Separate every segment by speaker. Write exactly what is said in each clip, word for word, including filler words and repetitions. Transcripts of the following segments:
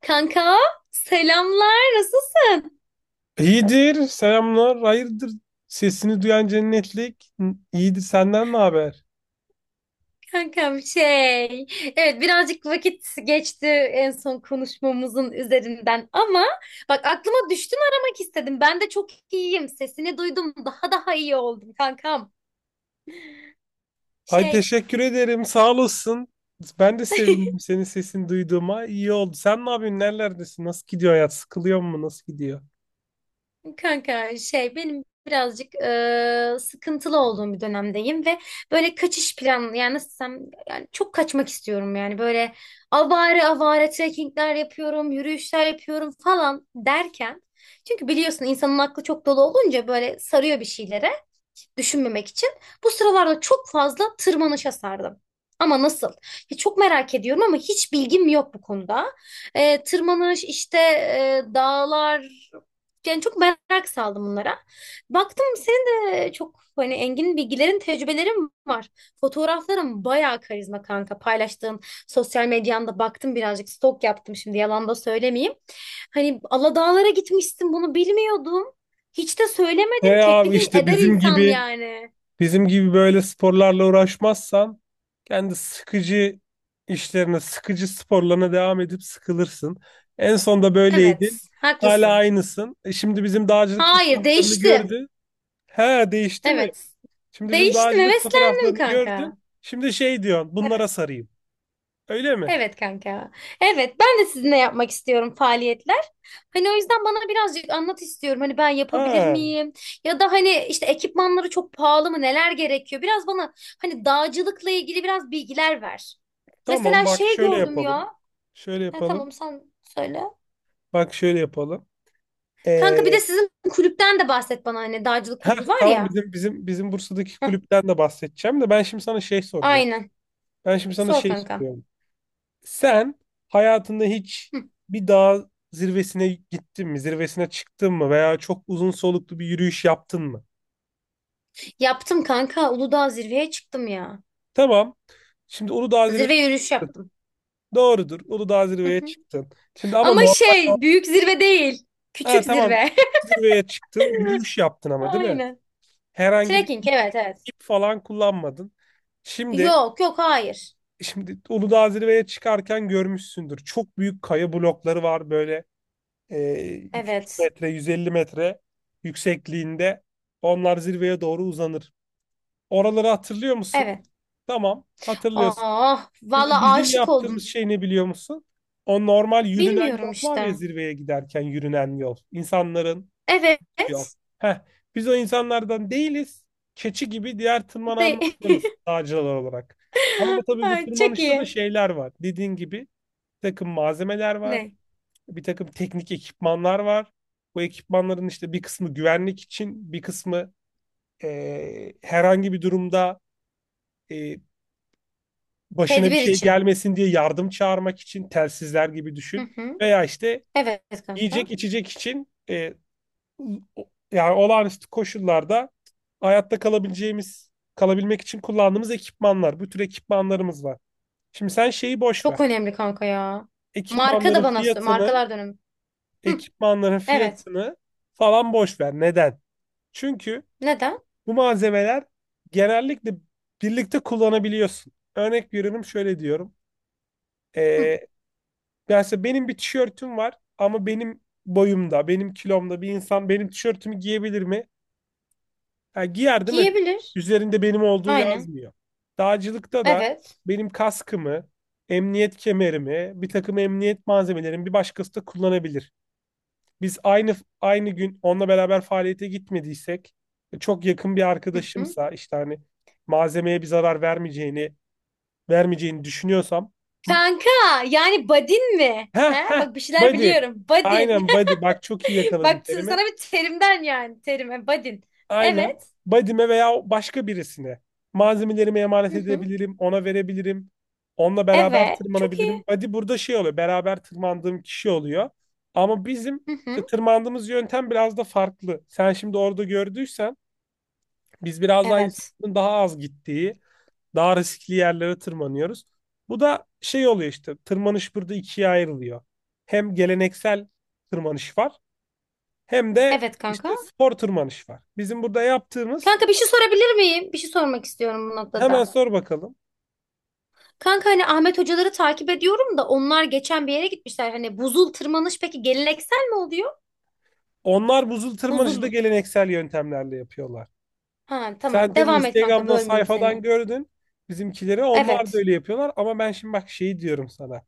Speaker 1: Kanka selamlar nasılsın
Speaker 2: İyidir, selamlar, hayırdır? Sesini duyan cennetlik. N- İyidir, senden ne haber?
Speaker 1: kankam şey evet birazcık vakit geçti en son konuşmamızın üzerinden ama bak aklıma düştün aramak istedim ben de çok iyiyim sesini duydum daha daha iyi oldum kankam
Speaker 2: Ay
Speaker 1: şey.
Speaker 2: teşekkür ederim, sağ olasın. Ben de sevindim senin sesini duyduğuma. İyi oldu. Sen ne yapıyorsun? Nerelerdesin? Nasıl gidiyor hayat? Sıkılıyor mu? Nasıl gidiyor?
Speaker 1: Kanka şey benim birazcık e, sıkıntılı olduğum bir dönemdeyim ve böyle kaçış planı yani nasıl desem yani çok kaçmak istiyorum yani böyle avare avare trekkingler yapıyorum yürüyüşler yapıyorum falan derken çünkü biliyorsun insanın aklı çok dolu olunca böyle sarıyor bir şeylere düşünmemek için bu sıralarda çok fazla tırmanışa sardım. Ama nasıl? Ya çok merak ediyorum ama hiç bilgim yok bu konuda. Ee, tırmanış işte e, dağlar yani çok merak saldım bunlara. Baktım senin de çok hani engin bilgilerin, tecrübelerin var. Fotoğrafların bayağı karizma kanka. Paylaştığın sosyal medyanda baktım birazcık stok yaptım şimdi yalan da söylemeyeyim. Hani Aladağlara gitmişsin bunu bilmiyordum. Hiç de
Speaker 2: E
Speaker 1: söylemedin. Teklif
Speaker 2: abi işte
Speaker 1: eder
Speaker 2: bizim
Speaker 1: insan
Speaker 2: gibi
Speaker 1: yani.
Speaker 2: bizim gibi böyle sporlarla uğraşmazsan kendi sıkıcı işlerine, sıkıcı sporlarına devam edip sıkılırsın. En son da böyleydin.
Speaker 1: Evet,
Speaker 2: Hala
Speaker 1: haklısın.
Speaker 2: aynısın. E şimdi bizim dağcılık
Speaker 1: Hayır,
Speaker 2: fotoğraflarını
Speaker 1: değiştim.
Speaker 2: gördün. He, değişti mi?
Speaker 1: Evet.
Speaker 2: Şimdi bizim
Speaker 1: Değiştim,
Speaker 2: dağcılık
Speaker 1: heveslendim
Speaker 2: fotoğraflarını gördün.
Speaker 1: kanka.
Speaker 2: Şimdi şey diyorsun, bunlara
Speaker 1: Evet,
Speaker 2: sarayım. Öyle mi?
Speaker 1: evet kanka. Evet, ben de sizinle yapmak istiyorum faaliyetler. Hani o yüzden bana birazcık anlat istiyorum. Hani ben yapabilir
Speaker 2: Ha,
Speaker 1: miyim? Ya da hani işte ekipmanları çok pahalı mı? Neler gerekiyor? Biraz bana hani dağcılıkla ilgili biraz bilgiler ver.
Speaker 2: tamam,
Speaker 1: Mesela
Speaker 2: bak
Speaker 1: şey
Speaker 2: şöyle
Speaker 1: gördüm
Speaker 2: yapalım.
Speaker 1: ya.
Speaker 2: Şöyle
Speaker 1: Ha, tamam
Speaker 2: yapalım.
Speaker 1: sen söyle.
Speaker 2: Bak şöyle yapalım. Ee,
Speaker 1: Kanka bir de sizin kulüpten de bahset bana anne. Dağcılık
Speaker 2: heh,
Speaker 1: kulübü var
Speaker 2: tamam,
Speaker 1: ya.
Speaker 2: bizim bizim bizim Bursa'daki
Speaker 1: Heh,
Speaker 2: kulüpten de bahsedeceğim de ben şimdi sana şey soracağım.
Speaker 1: aynen.
Speaker 2: Ben şimdi sana
Speaker 1: Sor
Speaker 2: şey
Speaker 1: kanka.
Speaker 2: soruyorum. Sen hayatında hiç
Speaker 1: Hı.
Speaker 2: bir dağ zirvesine gittin mi? Zirvesine çıktın mı? Veya çok uzun soluklu bir yürüyüş yaptın mı?
Speaker 1: Yaptım kanka. Uludağ zirveye çıktım ya.
Speaker 2: Tamam. Şimdi Uludağ...
Speaker 1: Zirve yürüyüş yaptım.
Speaker 2: Doğrudur. Uludağ
Speaker 1: Hı
Speaker 2: zirveye
Speaker 1: hı.
Speaker 2: çıktın. Şimdi ama
Speaker 1: Ama
Speaker 2: normal...
Speaker 1: şey büyük zirve değil.
Speaker 2: Ha,
Speaker 1: Küçük
Speaker 2: tamam.
Speaker 1: zirve.
Speaker 2: Zirveye çıktın. Yürüyüş yaptın ama değil mi?
Speaker 1: Aynen.
Speaker 2: Herhangi bir
Speaker 1: Trekking
Speaker 2: ip,
Speaker 1: evet evet.
Speaker 2: ip falan kullanmadın. Şimdi,
Speaker 1: Yok yok hayır.
Speaker 2: şimdi Uludağ zirveye çıkarken görmüşsündür. Çok büyük kaya blokları var böyle, e, iki yüz
Speaker 1: Evet.
Speaker 2: metre, yüz elli metre yüksekliğinde. Onlar zirveye doğru uzanır. Oraları hatırlıyor musun?
Speaker 1: Evet.
Speaker 2: Tamam, hatırlıyorsun.
Speaker 1: Ah
Speaker 2: Şimdi
Speaker 1: valla
Speaker 2: bizim
Speaker 1: aşık
Speaker 2: yaptığımız
Speaker 1: oldum.
Speaker 2: şey ne biliyor musun? O normal yürünen yol
Speaker 1: Bilmiyorum
Speaker 2: var ya,
Speaker 1: işte.
Speaker 2: zirveye giderken yürünen yol. İnsanların yol.
Speaker 1: Evet.
Speaker 2: Heh, biz o insanlardan değiliz. Keçi gibi diğer
Speaker 1: De
Speaker 2: tırmananlardanız dağcılar olarak. Ama bu tabii, bu
Speaker 1: Ay, çok
Speaker 2: tırmanışta da
Speaker 1: iyi.
Speaker 2: şeyler var. Dediğin gibi bir takım malzemeler var.
Speaker 1: Ne?
Speaker 2: Bir takım teknik ekipmanlar var. Bu ekipmanların işte bir kısmı güvenlik için, bir kısmı eee, herhangi bir durumda, e, başına bir
Speaker 1: Tedbir
Speaker 2: şey
Speaker 1: için.
Speaker 2: gelmesin diye yardım çağırmak için telsizler gibi
Speaker 1: Hı
Speaker 2: düşün.
Speaker 1: hı.
Speaker 2: Veya işte
Speaker 1: Evet kanka.
Speaker 2: yiyecek içecek için, e, o- yani olağanüstü koşullarda hayatta kalabileceğimiz, kalabilmek için kullandığımız ekipmanlar. Bu tür ekipmanlarımız var. Şimdi sen şeyi boş ver.
Speaker 1: Çok önemli kanka ya. Marka da
Speaker 2: Ekipmanların
Speaker 1: bana sö-
Speaker 2: fiyatını,
Speaker 1: markalar dönemi. Hı,
Speaker 2: ekipmanların
Speaker 1: evet.
Speaker 2: fiyatını falan boş ver. Neden? Çünkü
Speaker 1: Neden?
Speaker 2: bu malzemeler genellikle birlikte kullanabiliyorsun. Örnek veriyorum, şöyle diyorum. E,
Speaker 1: Hı,
Speaker 2: Yani mesela benim bir tişörtüm var ama benim boyumda, benim kilomda bir insan benim tişörtümü giyebilir mi? Ha, giyer değil mi?
Speaker 1: giyebilir.
Speaker 2: Üzerinde benim olduğu
Speaker 1: Aynen.
Speaker 2: yazmıyor. Dağcılıkta da
Speaker 1: Evet.
Speaker 2: benim kaskımı, emniyet kemerimi, bir takım emniyet malzemelerimi bir başkası da kullanabilir. Biz aynı aynı gün onunla beraber faaliyete gitmediysek, e, çok yakın bir
Speaker 1: Hı hı.
Speaker 2: arkadaşımsa, işte hani malzemeye bir zarar vermeyeceğini vermeyeceğini düşünüyorsam...
Speaker 1: Kanka yani badin mi?
Speaker 2: Heh
Speaker 1: He?
Speaker 2: heh,
Speaker 1: Bak bir şeyler
Speaker 2: body.
Speaker 1: biliyorum. Badin.
Speaker 2: Aynen, body. Bak, çok iyi yakaladın
Speaker 1: Bak t-
Speaker 2: terimi.
Speaker 1: sana bir terimden yani terime badin.
Speaker 2: Aynen.
Speaker 1: Evet.
Speaker 2: Body'me veya başka birisine malzemelerimi emanet
Speaker 1: Hı hı.
Speaker 2: edebilirim. Ona verebilirim. Onunla beraber
Speaker 1: Evet. Çok
Speaker 2: tırmanabilirim.
Speaker 1: iyi.
Speaker 2: Body burada şey oluyor, beraber tırmandığım kişi oluyor. Ama bizim
Speaker 1: Hı
Speaker 2: işte
Speaker 1: hı.
Speaker 2: tırmandığımız yöntem biraz da farklı. Sen şimdi orada gördüysen, biz biraz daha
Speaker 1: Evet.
Speaker 2: insanların daha az gittiği, daha riskli yerlere tırmanıyoruz. Bu da şey oluyor işte, tırmanış burada ikiye ayrılıyor. Hem geleneksel tırmanış var, hem de
Speaker 1: Evet kanka.
Speaker 2: işte spor tırmanış var. Bizim burada yaptığımız...
Speaker 1: Kanka bir şey sorabilir miyim? Bir şey sormak istiyorum bu
Speaker 2: Hemen
Speaker 1: noktada.
Speaker 2: sor bakalım.
Speaker 1: Kanka hani Ahmet hocaları takip ediyorum da onlar geçen bir yere gitmişler. Hani buzul tırmanış peki geleneksel mi oluyor?
Speaker 2: Onlar buzul tırmanışı da
Speaker 1: Buzul.
Speaker 2: geleneksel yöntemlerle yapıyorlar.
Speaker 1: Ha tamam.
Speaker 2: Sen tabii
Speaker 1: Devam et kanka
Speaker 2: Instagram'dan,
Speaker 1: bölmeyeyim
Speaker 2: sayfadan
Speaker 1: seni.
Speaker 2: gördün bizimkileri. Onlar da
Speaker 1: Evet.
Speaker 2: öyle yapıyorlar ama ben şimdi bak şeyi diyorum sana.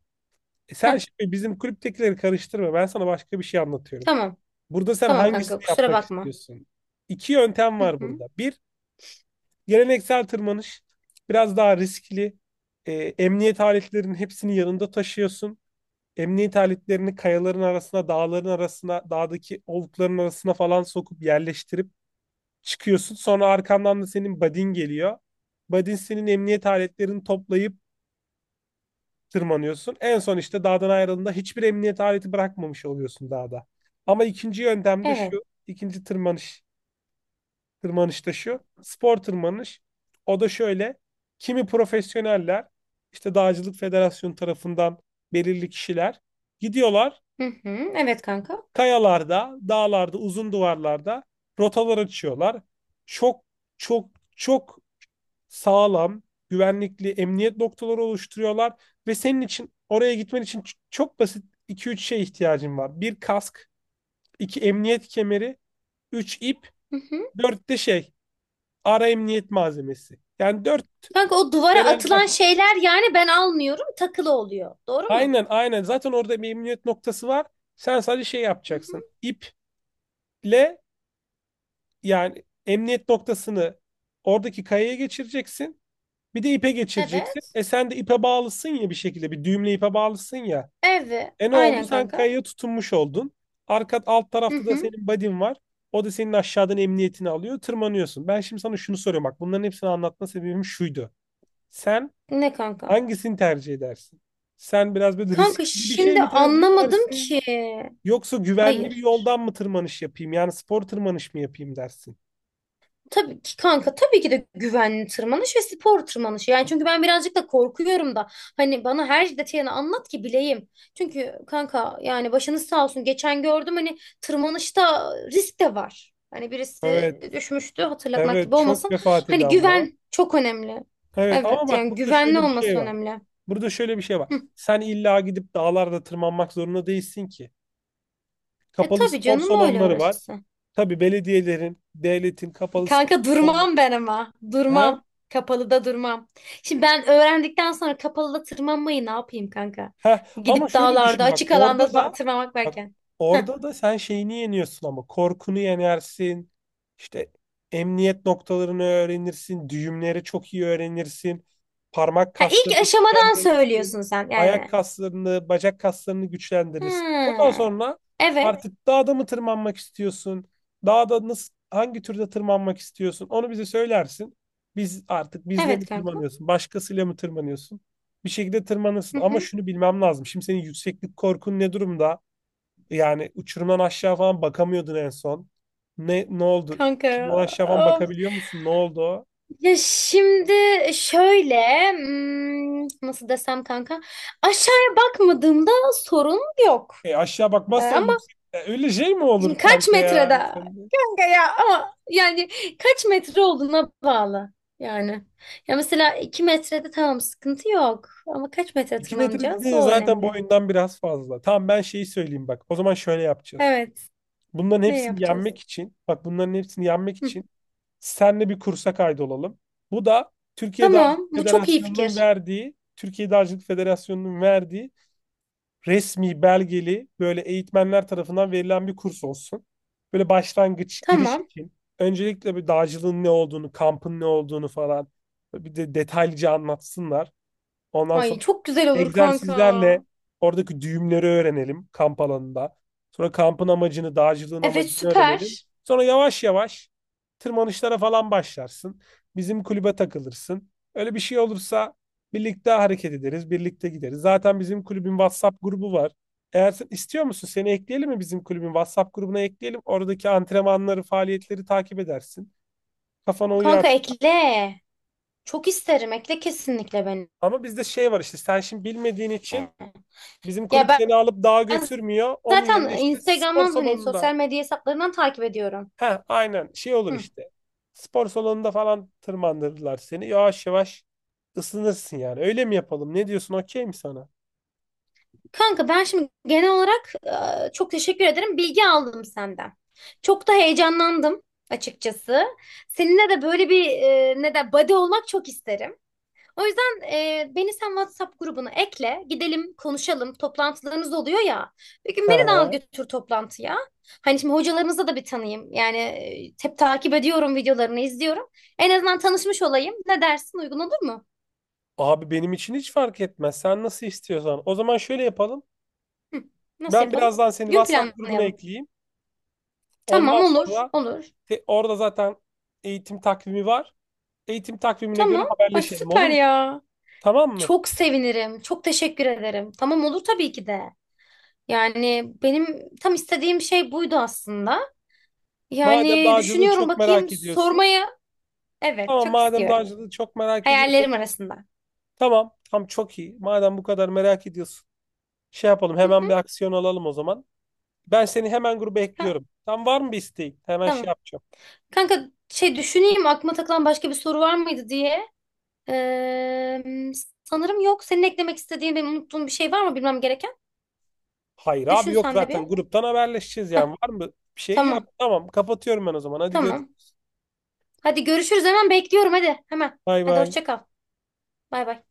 Speaker 2: E,
Speaker 1: Ha
Speaker 2: sen şimdi bizim kulüptekileri karıştırma. Ben sana başka bir şey anlatıyorum.
Speaker 1: tamam.
Speaker 2: Burada sen
Speaker 1: Tamam kanka
Speaker 2: hangisini
Speaker 1: kusura
Speaker 2: yapmak
Speaker 1: bakma.
Speaker 2: istiyorsun? İki yöntem
Speaker 1: Hı
Speaker 2: var
Speaker 1: hı.
Speaker 2: burada. Bir, geleneksel tırmanış. Biraz daha riskli. E, emniyet aletlerinin hepsini yanında taşıyorsun. Emniyet aletlerini kayaların arasına, dağların arasına, dağdaki olukların arasına falan sokup yerleştirip çıkıyorsun. Sonra arkandan da senin buddy'n geliyor. Buddy'n senin emniyet aletlerini toplayıp tırmanıyorsun. En son işte dağdan ayrıldığında hiçbir emniyet aleti bırakmamış oluyorsun dağda. Ama ikinci yöntem de
Speaker 1: Evet.
Speaker 2: şu, ikinci tırmanış, tırmanış da şu, spor tırmanış. O da şöyle: kimi profesyoneller, işte Dağcılık Federasyonu tarafından belirli kişiler, gidiyorlar,
Speaker 1: Hı hı. Evet kanka.
Speaker 2: kayalarda, dağlarda, uzun duvarlarda rotalar açıyorlar. Çok, çok, çok sağlam, güvenlikli emniyet noktaları oluşturuyorlar ve senin için, oraya gitmen için ç- çok basit iki üç şeye ihtiyacın var. Bir, kask; iki, emniyet kemeri; üç, ip;
Speaker 1: Hı hı.
Speaker 2: dört de şey, ara emniyet malzemesi. Yani dört
Speaker 1: Kanka o duvara
Speaker 2: genel baş...
Speaker 1: atılan şeyler yani ben almıyorum takılı oluyor. Doğru mu?
Speaker 2: Aynen, aynen, zaten orada bir emniyet noktası var. Sen sadece şey
Speaker 1: Hı hı.
Speaker 2: yapacaksın. İple... Yani emniyet noktasını oradaki kayaya geçireceksin. Bir de ipe geçireceksin.
Speaker 1: Evet.
Speaker 2: E, sen de ipe bağlısın ya bir şekilde. Bir düğümle ipe bağlısın ya.
Speaker 1: Evet.
Speaker 2: E, ne oldu?
Speaker 1: Aynen
Speaker 2: Sen
Speaker 1: kanka.
Speaker 2: kayaya tutunmuş oldun. Arka alt
Speaker 1: Hı
Speaker 2: tarafta da
Speaker 1: hı.
Speaker 2: senin buddy'n var. O da senin aşağıdan emniyetini alıyor. Tırmanıyorsun. Ben şimdi sana şunu soruyorum. Bak, bunların hepsini anlatma sebebim şuydu. Sen
Speaker 1: Ne kanka?
Speaker 2: hangisini tercih edersin? Sen biraz böyle riskli
Speaker 1: Kanka
Speaker 2: bir şey
Speaker 1: şimdi
Speaker 2: mi tercih
Speaker 1: anlamadım
Speaker 2: edersin?
Speaker 1: ki.
Speaker 2: Yoksa güvenli bir
Speaker 1: Hayır.
Speaker 2: yoldan mı tırmanış yapayım, yani spor tırmanış mı yapayım dersin?
Speaker 1: Tabii ki kanka tabii ki de güvenli tırmanış ve spor tırmanışı. Yani çünkü ben birazcık da korkuyorum da hani bana her detayını anlat ki bileyim. Çünkü kanka yani başınız sağ olsun geçen gördüm hani tırmanışta risk de var. Hani birisi
Speaker 2: Evet,
Speaker 1: düşmüştü hatırlatmak gibi
Speaker 2: evet, çok
Speaker 1: olmasın.
Speaker 2: vefat
Speaker 1: Hani
Speaker 2: eden var.
Speaker 1: güven çok önemli.
Speaker 2: Evet, ama
Speaker 1: Evet
Speaker 2: bak,
Speaker 1: yani
Speaker 2: burada
Speaker 1: güvenli
Speaker 2: şöyle bir şey
Speaker 1: olması
Speaker 2: var.
Speaker 1: önemli.
Speaker 2: Burada şöyle bir şey var.
Speaker 1: Hı.
Speaker 2: Sen illa gidip dağlarda tırmanmak zorunda değilsin ki.
Speaker 1: E
Speaker 2: Kapalı
Speaker 1: tabii
Speaker 2: spor
Speaker 1: canım öyle
Speaker 2: salonları var.
Speaker 1: orası.
Speaker 2: Tabii, belediyelerin, devletin kapalı spor
Speaker 1: Kanka
Speaker 2: salonları.
Speaker 1: durmam ben ama.
Speaker 2: Ha?
Speaker 1: Durmam. Kapalıda durmam. Şimdi ben öğrendikten sonra kapalıda tırmanmayı ne yapayım kanka?
Speaker 2: Heh, ama
Speaker 1: Gidip
Speaker 2: şöyle
Speaker 1: dağlarda,
Speaker 2: düşün, bak,
Speaker 1: açık alanda
Speaker 2: orada
Speaker 1: ba-
Speaker 2: da
Speaker 1: tırmanmak
Speaker 2: bak
Speaker 1: varken. Heh.
Speaker 2: orada da sen şeyini yeniyorsun, ama korkunu yenersin. İşte emniyet noktalarını öğrenirsin, düğümleri çok iyi öğrenirsin. Parmak
Speaker 1: Ha, ilk
Speaker 2: kaslarını
Speaker 1: aşamadan
Speaker 2: güçlendirirsin.
Speaker 1: söylüyorsun sen
Speaker 2: Ayak
Speaker 1: yani.
Speaker 2: kaslarını, bacak kaslarını güçlendirirsin. Ondan
Speaker 1: Ha.
Speaker 2: sonra
Speaker 1: Evet.
Speaker 2: artık dağda mı tırmanmak istiyorsun, dağda nasıl, hangi türde tırmanmak istiyorsun, onu bize söylersin. Biz, artık bizle
Speaker 1: Evet
Speaker 2: mi
Speaker 1: kanka.
Speaker 2: tırmanıyorsun, başkasıyla mı tırmanıyorsun, bir şekilde tırmanırsın.
Speaker 1: Hı
Speaker 2: Ama
Speaker 1: hı.
Speaker 2: şunu bilmem lazım: şimdi senin yükseklik korkun ne durumda? Yani uçurumdan aşağı falan bakamıyordun en son. Ne ne oldu?
Speaker 1: Kanka.
Speaker 2: Uçurumdan aşağı falan
Speaker 1: Of.
Speaker 2: bakabiliyor musun? Ne oldu? O?
Speaker 1: Ya şimdi şöyle hmm, nasıl desem kanka aşağıya bakmadığımda sorun yok.
Speaker 2: E, aşağı
Speaker 1: Ee,
Speaker 2: bakmazsan
Speaker 1: Ama
Speaker 2: yüksek... E, öyle şey mi
Speaker 1: şimdi
Speaker 2: olur
Speaker 1: kaç
Speaker 2: kanka
Speaker 1: metrede
Speaker 2: ya? Sen de-
Speaker 1: kanka ya ama yani kaç metre olduğuna bağlı yani. Ya mesela iki metrede tamam sıkıntı yok ama kaç metre
Speaker 2: İki metre
Speaker 1: tırmanacağız
Speaker 2: dediğin
Speaker 1: o
Speaker 2: zaten
Speaker 1: önemli.
Speaker 2: boyundan biraz fazla. Tamam, ben şeyi söyleyeyim bak. O zaman şöyle yapacağız.
Speaker 1: Evet
Speaker 2: Bunların
Speaker 1: ne
Speaker 2: hepsini
Speaker 1: yapacağız?
Speaker 2: yenmek için, bak bunların hepsini yenmek
Speaker 1: Hı,
Speaker 2: için Senle bir kursa kaydolalım. Bu da Türkiye
Speaker 1: tamam
Speaker 2: Dağcılık
Speaker 1: bu çok iyi
Speaker 2: Federasyonu'nun
Speaker 1: fikir.
Speaker 2: verdiği, Türkiye Dağcılık Federasyonu'nun verdiği resmi belgeli, böyle eğitmenler tarafından verilen bir kurs olsun. Böyle başlangıç, giriş
Speaker 1: Tamam.
Speaker 2: için. Öncelikle bir dağcılığın ne olduğunu, kampın ne olduğunu falan bir de detaylıca anlatsınlar. Ondan
Speaker 1: Ay
Speaker 2: sonra
Speaker 1: çok güzel olur kanka.
Speaker 2: egzersizlerle oradaki düğümleri öğrenelim kamp alanında. Sonra kampın amacını, dağcılığın
Speaker 1: Evet
Speaker 2: amacını öğrenelim.
Speaker 1: süper.
Speaker 2: Sonra yavaş yavaş tırmanışlara falan başlarsın. Bizim kulübe takılırsın. Öyle bir şey olursa birlikte hareket ederiz, birlikte gideriz. Zaten bizim kulübün WhatsApp grubu var. Eğer sen istiyor musun, seni ekleyelim mi, bizim kulübün WhatsApp grubuna ekleyelim. Oradaki antrenmanları, faaliyetleri takip edersin. Kafana
Speaker 1: Kanka
Speaker 2: uyarsın.
Speaker 1: ekle. Çok isterim ekle kesinlikle beni.
Speaker 2: Ama bizde şey var işte, sen şimdi bilmediğin için, bizim
Speaker 1: Ya
Speaker 2: kulüp
Speaker 1: ben
Speaker 2: seni alıp dağa
Speaker 1: ben
Speaker 2: götürmüyor. Onun yerine
Speaker 1: zaten
Speaker 2: işte spor
Speaker 1: Instagram'dan hani
Speaker 2: salonunda...
Speaker 1: sosyal medya hesaplarından takip ediyorum.
Speaker 2: Ha, aynen, şey olur
Speaker 1: Hı.
Speaker 2: işte. Spor salonunda falan tırmandırırlar seni. Yavaş yavaş ısınırsın yani. Öyle mi yapalım? Ne diyorsun? Okey mi sana?
Speaker 1: Kanka ben şimdi genel olarak e, çok teşekkür ederim. Bilgi aldım senden. Çok da heyecanlandım açıkçası. Seninle de böyle bir e, ne de buddy olmak çok isterim. O yüzden e, beni sen WhatsApp grubuna ekle. Gidelim konuşalım. Toplantılarımız oluyor ya. Bir gün
Speaker 2: Hı
Speaker 1: beni de al
Speaker 2: hı.
Speaker 1: götür toplantıya. Hani şimdi hocalarımızı da bir tanıyayım. Yani e, hep takip ediyorum videolarını izliyorum. En azından tanışmış olayım. Ne dersin uygun olur mu?
Speaker 2: Abi benim için hiç fark etmez. Sen nasıl istiyorsan. O zaman şöyle yapalım.
Speaker 1: Hı, nasıl
Speaker 2: Ben
Speaker 1: yapalım?
Speaker 2: birazdan seni
Speaker 1: Gün
Speaker 2: WhatsApp grubuna
Speaker 1: planlayalım.
Speaker 2: ekleyeyim. Ondan
Speaker 1: Tamam olur
Speaker 2: sonra
Speaker 1: olur.
Speaker 2: te- orada zaten eğitim takvimi var. Eğitim takvimine göre
Speaker 1: Tamam. Ay
Speaker 2: haberleşelim, olur
Speaker 1: süper
Speaker 2: mu?
Speaker 1: ya.
Speaker 2: Tamam mı?
Speaker 1: Çok sevinirim. Çok teşekkür ederim. Tamam olur tabii ki de. Yani benim tam istediğim şey buydu aslında.
Speaker 2: Madem
Speaker 1: Yani
Speaker 2: dağcılığı
Speaker 1: düşünüyorum
Speaker 2: çok
Speaker 1: bakayım
Speaker 2: merak ediyorsun.
Speaker 1: sormaya. Evet
Speaker 2: Tamam,
Speaker 1: çok
Speaker 2: madem
Speaker 1: istiyorum.
Speaker 2: dağcılığı çok merak ediyorsun.
Speaker 1: Hayallerim arasında.
Speaker 2: Tamam, tam çok iyi. Madem bu kadar merak ediyorsun, şey yapalım,
Speaker 1: Hı
Speaker 2: hemen bir
Speaker 1: hı.
Speaker 2: aksiyon alalım o zaman. Ben seni hemen gruba
Speaker 1: Ha,
Speaker 2: ekliyorum. Tam, var mı bir isteğin? Hemen şey
Speaker 1: tamam.
Speaker 2: yapacağım.
Speaker 1: Kanka şey düşüneyim aklıma takılan başka bir soru var mıydı diye. Ee, Sanırım yok. Senin eklemek istediğin benim unuttuğum bir şey var mı bilmem gereken?
Speaker 2: Hayır abi,
Speaker 1: Düşün
Speaker 2: yok,
Speaker 1: sen de bir.
Speaker 2: zaten gruptan haberleşeceğiz yani.
Speaker 1: Heh,
Speaker 2: Var mı bir şey? Yok.
Speaker 1: tamam.
Speaker 2: Tamam, kapatıyorum ben o zaman. Hadi
Speaker 1: Tamam.
Speaker 2: görüşürüz.
Speaker 1: Hadi görüşürüz hemen bekliyorum hadi. Hemen.
Speaker 2: Bay
Speaker 1: Hadi
Speaker 2: bay.
Speaker 1: hoşça kal. Bay bay.